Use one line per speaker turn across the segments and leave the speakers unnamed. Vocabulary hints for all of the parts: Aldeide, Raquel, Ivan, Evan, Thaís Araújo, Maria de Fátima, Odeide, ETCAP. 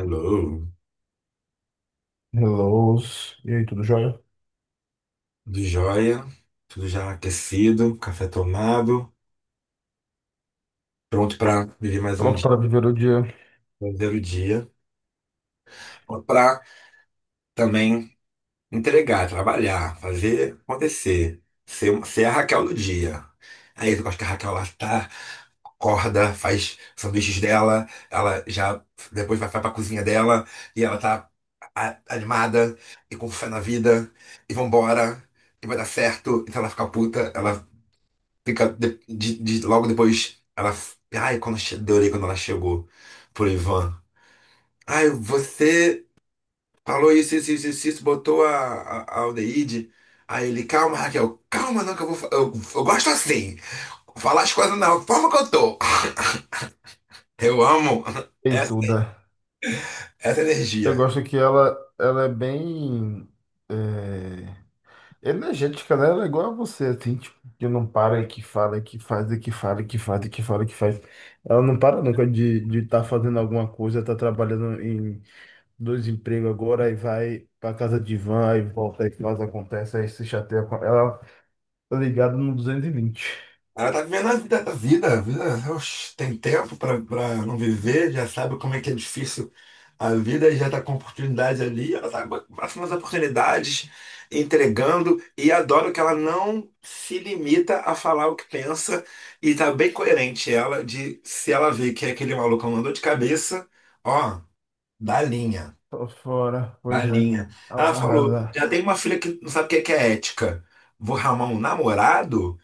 Alô,
Hello. E aí, tudo jóia?
tudo jóia? Tudo já aquecido, café tomado, pronto para viver mais um
Pronto
dia,
para viver o dia.
fazer o dia, para também entregar, trabalhar, fazer acontecer, ser a Raquel do dia. Aí eu gosto que a Raquel lá tá, acorda, faz sanduíches dela, ela já depois vai para a cozinha dela e ela tá animada e com fé na vida e vambora. E vai dar certo, então ela fica puta, ela fica logo depois, ela. Ai, adorei quando ela chegou pro Ivan. Ai, você falou isso, isso, isso, isso, isso, botou a aldeíde. Aí ele, calma, Raquel, calma, não, que eu vou. Eu gosto assim. Falar as coisas na forma que eu tô. Eu amo
E
essa,
tudo.
essa
Eu
energia.
gosto que ela é bem é, energética, né? Ela é igual a você, assim, tipo, que não para e que fala, e que faz, e que fala, e que faz, e que fala, e que faz. Ela não para nunca de estar fazendo alguma coisa, tá trabalhando em dois empregos agora, aí vai para casa de van, aí volta, aí faz, acontece, aí se chateia com ela. Tá ligado no 220.
Ela tá vivendo a vida, a vida, a vida, oxe, tem tempo pra não viver, já sabe como é que é difícil a vida e já tá com oportunidades ali, ela tá com as oportunidades, entregando, e adoro que ela não se limita a falar o que pensa, e tá bem coerente ela, de se ela vê que aquele maluco andou de cabeça, ó, dá linha,
Tô fora,
dá
pois é.
linha.
Ela
Ela falou,
arrasa.
já tem uma filha que não sabe o que é ética, vou arrumar um namorado?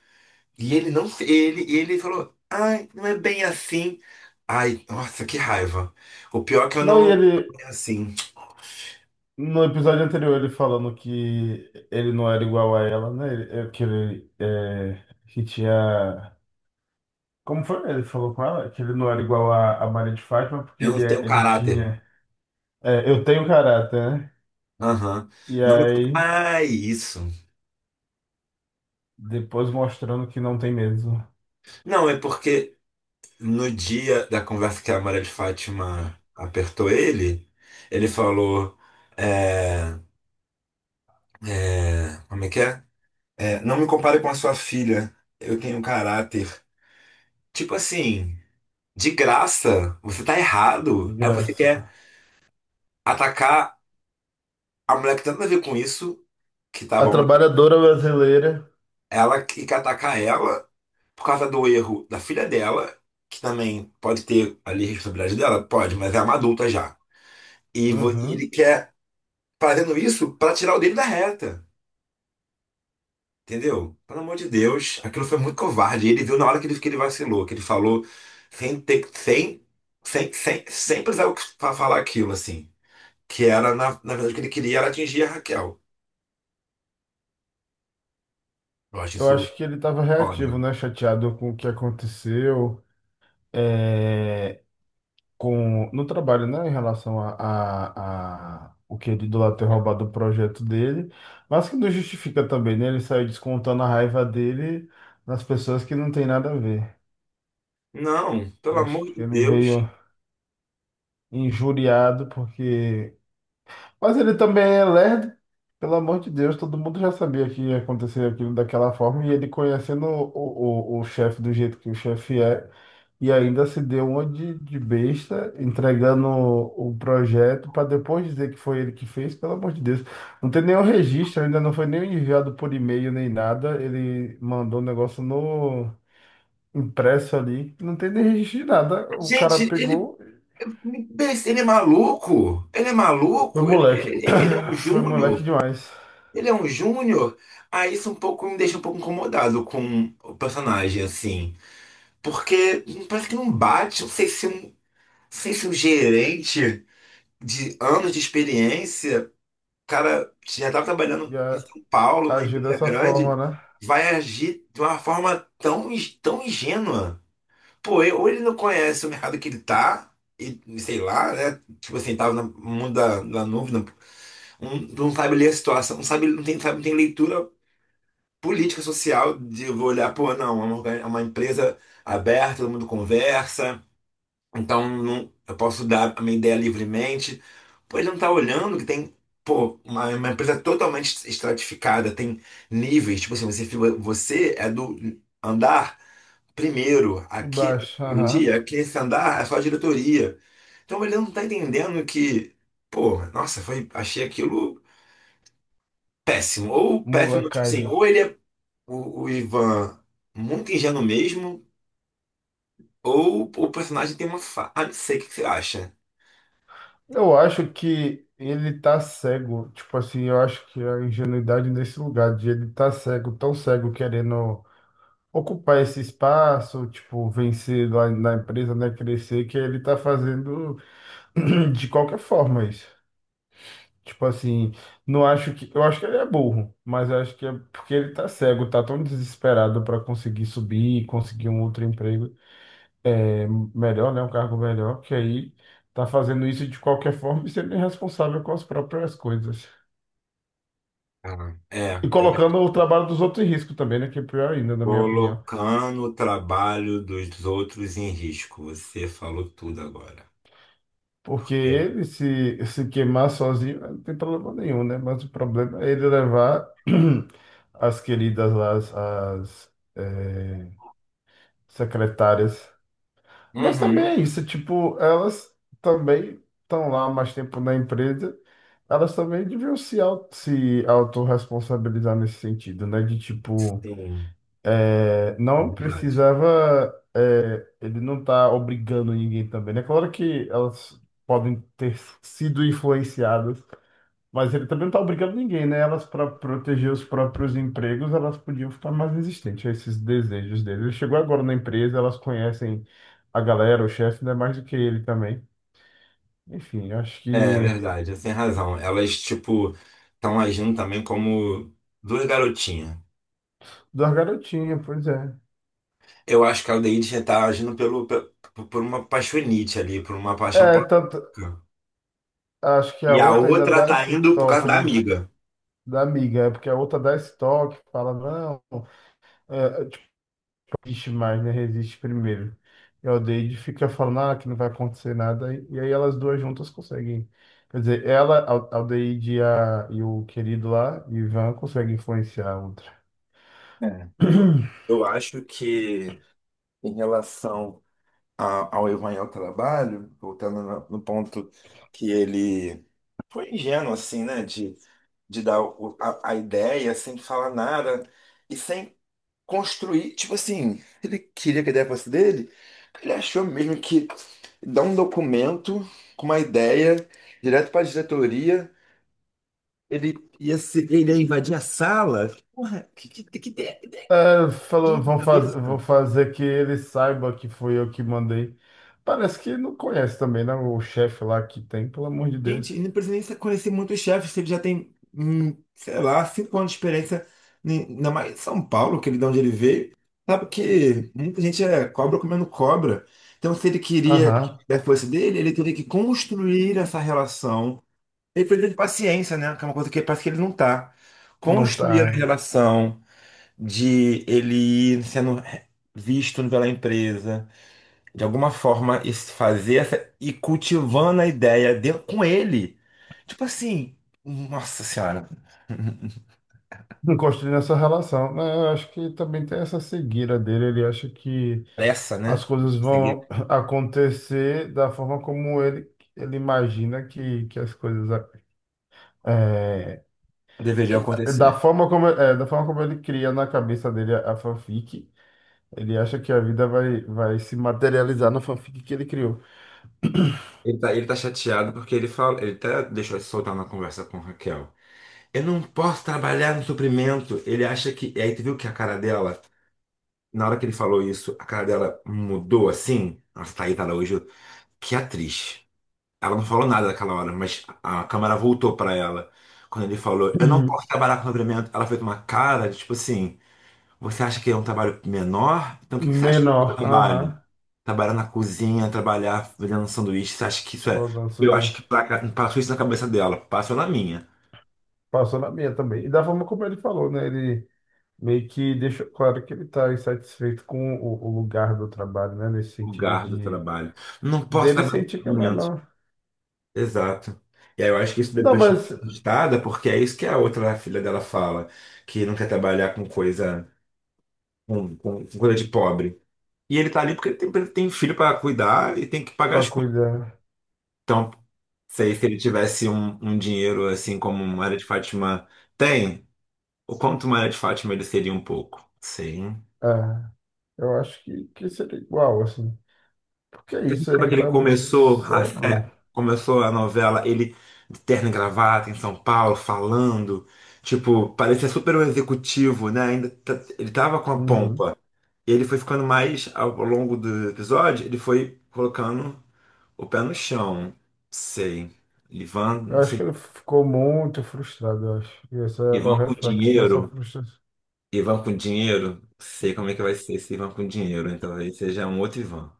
E ele não se. Ele falou, ai, não é bem assim. Ai, nossa, que raiva. O pior é que eu
Não, e
não.
ele.
É assim,
No episódio anterior, ele falando que ele não era igual a ela, né? Que ele é, que tinha. Como foi? Ele falou com ela que ele não era igual a Maria de Fátima porque
eu não tenho
ele
caráter.
tinha. Eu tenho caráter, né?
Aham.
E
Não me conta.
aí,
Ah, isso.
depois mostrando que não tem mesmo.
Não, é porque no dia da conversa que a Maria de Fátima apertou ele, ele falou: é, como é que é? É, não me compare com a sua filha, eu tenho caráter. Tipo assim, de graça, você tá
De
errado. Aí você quer
graça.
atacar a mulher que tem nada a ver com isso, que tá
A
bom,
trabalhadora brasileira.
ela que atacar ela por causa do erro da filha dela, que também pode ter ali responsabilidade dela, pode, mas é uma adulta já. E ele
Uhum.
quer fazendo isso pra tirar o dele da reta, entendeu? Pelo amor de Deus, aquilo foi muito covarde. E ele viu na hora que ele vacilou, que ele falou sem ter, sem, sem, sem, sem precisar falar aquilo, assim. Que era, na verdade, o que ele queria era atingir a Raquel. Eu acho
Eu
isso
acho que ele estava
foda.
reativo, né? Chateado com o que aconteceu. É, com no trabalho, né, em relação a o que ele do lado ter roubado o projeto dele, mas que não justifica também, né? Ele saiu descontando a raiva dele nas pessoas que não tem nada a ver.
Não, pelo
Acho
amor
que
de
ele
Deus.
veio injuriado porque mas ele também é lerdo. Pelo amor de Deus, todo mundo já sabia que ia acontecer aquilo daquela forma e ele conhecendo o chefe do jeito que o chefe é e ainda se deu uma de besta entregando o projeto para depois dizer que foi ele que fez, pelo amor de Deus. Não tem nenhum registro, ainda não foi nem enviado por e-mail nem nada. Ele mandou o negócio no impresso ali, não tem nem registro de nada. O cara
Gente,
pegou,
ele é
foi
maluco,
moleque,
ele é um
foi moleque
júnior.
demais.
ele é um júnior. Aí isso um pouco me deixa um pouco incomodado com o personagem, assim. Porque parece que não bate, não sei se um gerente de anos de experiência, cara, já estava trabalhando
E
em
a-
São Paulo, uma
Agir
empresa
dessa forma,
grande,
né?
vai agir de uma forma tão ingênua. Pô, ou ele não conhece o mercado que ele tá, e sei lá, né? Tipo assim, tava no mundo da nuvem, não, não sabe ler a situação, não sabe, não tem, sabe, não tem leitura política, social, de eu vou olhar, pô, não, é uma empresa aberta, todo mundo conversa, então não, eu posso dar a minha ideia livremente. Pô, ele não tá olhando que tem, pô, uma empresa totalmente estratificada, tem níveis, tipo assim, você é do andar. Primeiro,
De
aqui,
baixo,
aquele
aham.
dia, aqui esse andar é só a diretoria. Então ele não tá entendendo que, pô, nossa, foi, achei aquilo péssimo. Ou péssimo, tipo assim,
Molecagem.
ou ele é o Ivan muito ingênuo mesmo, ou o personagem tem uma fa... Ah, não sei o que que você acha.
Eu acho que ele tá cego. Tipo assim, eu acho que a ingenuidade nesse lugar, de ele tá cego, tão cego, querendo ocupar esse espaço, tipo, vencer lá na empresa, né? Crescer, que ele tá fazendo de qualquer forma isso. Tipo assim, não acho que. Eu acho que ele é burro, mas eu acho que é porque ele tá cego, tá tão desesperado para conseguir subir, conseguir um outro emprego. É melhor, né? Um cargo melhor, que aí tá fazendo isso de qualquer forma e sendo irresponsável com as próprias coisas.
Ah, é,
E
eu acho que
colocando o trabalho dos outros em risco também, né? Que é pior ainda, na minha opinião.
colocando o trabalho dos outros em risco. Você falou tudo agora.
Porque
Porque...
ele se queimar sozinho não tem problema nenhum, né? Mas o problema é ele levar as queridas lá, as secretárias. Mas também é
Uhum,
isso, tipo, elas também estão lá mais tempo na empresa, elas também deviam se autorresponsabilizar nesse sentido, né? De tipo,
sim, é
não
verdade.
precisava, ele não tá obrigando ninguém também, né? Claro que elas podem ter sido influenciadas, mas ele também não está obrigando ninguém, né? Elas, para proteger os próprios empregos, elas podiam ficar mais resistentes a esses desejos dele. Ele chegou agora na empresa, elas conhecem a galera, o chefe, né, mais do que ele também. Enfim, acho
É
que.
verdade, você tem razão. Elas, tipo, estão agindo também como duas garotinhas.
Da garotinha, pois é.
Eu acho que a Aldeide já tá agindo por uma paixonite ali, por uma paixão
É, tanto.
platônica.
Acho que a
E a
outra ainda
outra
dá
tá
esse
indo por causa
toque,
da
né?
amiga.
Da amiga, é porque a outra dá esse toque, fala, não. É, resiste mais, né? Resiste primeiro. E a Odeide fica falando ah, que não vai acontecer nada. E aí elas duas juntas conseguem. Quer dizer, ela, a Aldeide e o querido lá, Ivan, conseguem influenciar a outra.
É. Eu acho que em relação ao Evan ao trabalho, voltando no ponto que ele foi ingênuo, assim, né? De dar a ideia sem falar nada e sem construir, tipo assim, ele queria que a ideia fosse dele, ele achou mesmo que dar um documento com uma ideia direto para a diretoria, ele ia se, ele ia invadir a sala. Porra, que
É, falou,
ideia na
vão fazer, vou
cabeça?
fazer que ele saiba que foi eu que mandei. Parece que não conhece também, né? O chefe lá que tem, pelo amor de
Gente, e
Deus.
não precisa nem conhecer muitos chefes, se ele já tem, sei lá, 5 anos de experiência, ainda mais em São Paulo, que ele de onde ele veio. Sabe que muita gente é cobra comendo cobra. Então, se ele queria que
Aham,
fosse dele, ele teria que construir essa relação. Ele precisa de paciência, né? Que é uma coisa que parece que ele não tá.
não
Construir a
tá.
relação de ele ir sendo visto pela empresa de alguma forma fazer essa e cultivando a ideia dele com ele. Tipo assim, nossa senhora,
Não construindo essa relação, né? Eu acho que também tem essa cegueira dele. Ele acha que
pressa,
as
né?
coisas
Conseguir
vão acontecer da forma como ele imagina que as coisas é,
deveria
que- da
acontecer.
forma como é, da forma como ele cria na cabeça dele a fanfic, ele acha que a vida vai se materializar na fanfic que ele criou.
Ele tá chateado porque ele fala, ele até deixou de soltar na conversa com Raquel. Eu não posso trabalhar no suprimento. Ele acha que. E aí tu viu que a cara dela, na hora que ele falou isso, a cara dela mudou assim. Nossa, Thaís Araújo, que atriz. Ela não falou nada naquela hora, mas a câmera voltou pra ela. Quando ele falou, eu não
Uhum.
posso trabalhar com dobramento, ela fez uma cara de tipo assim: você acha que é um trabalho menor? Então o que que você acha do meu
Menor, aham.
trabalho? Trabalhar na cozinha, trabalhar vendendo sanduíche, você acha que isso é.
Rodando
Eu acho
silêncio.
que passou isso na cabeça dela, passou na minha.
Passou na minha também. E da forma como ele falou, né? Ele meio que deixou claro que ele está insatisfeito com o lugar do trabalho, né? Nesse sentido
Lugar do
de
trabalho. Não posso
dele
trabalhar com
sentir que é
documentos.
menor.
Exato. E aí eu acho que isso
Não,
depois de
mas
registrada, porque é isso que a outra filha dela fala, que não quer trabalhar com coisa, com coisa de pobre. E ele tá ali porque ele tem filho para cuidar e tem que pagar as
para
contas.
cuidar,
Então, sei se ele tivesse um dinheiro assim como Maria de Fátima tem, o quanto Maria de Fátima ele seria um pouco. Sim.
ah, eu acho que seria igual, assim. Porque é
Você
isso,
lembra
ele
que ele
tá muito
começou a,
cego.
é, começou a novela, ele de terno e gravata em São Paulo, falando, tipo, parecia super um executivo, né? Ainda ele tava com a
Uhum.
pompa. E ele foi ficando mais ao longo do episódio, ele foi colocando o pé no chão, sei. Ivan, não
Eu acho que
sei.
ele ficou muito frustrado, eu acho. E esse é
Ivan
o
com
reflexo dessa
dinheiro.
frustração,
Ivan com dinheiro. Sei como é que vai ser esse Ivan com dinheiro. Então, talvez seja um outro Ivan.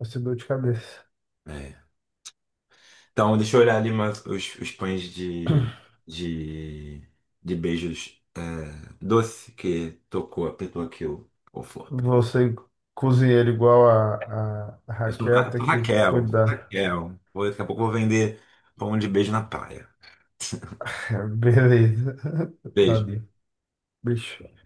essa dor de cabeça.
É. Então, deixa eu olhar ali mais os pães de, de beijos é, doce que tocou, apertou aqui o flor.
Você cozinheiro igual a
Eu sou,
Raquel, tem
Sou
que
Raquel, sou
cuidar.
Raquel. Daqui a pouco eu vou vender pão de beijo na praia.
Beleza.
Beijo.
Tadinho. Bicho.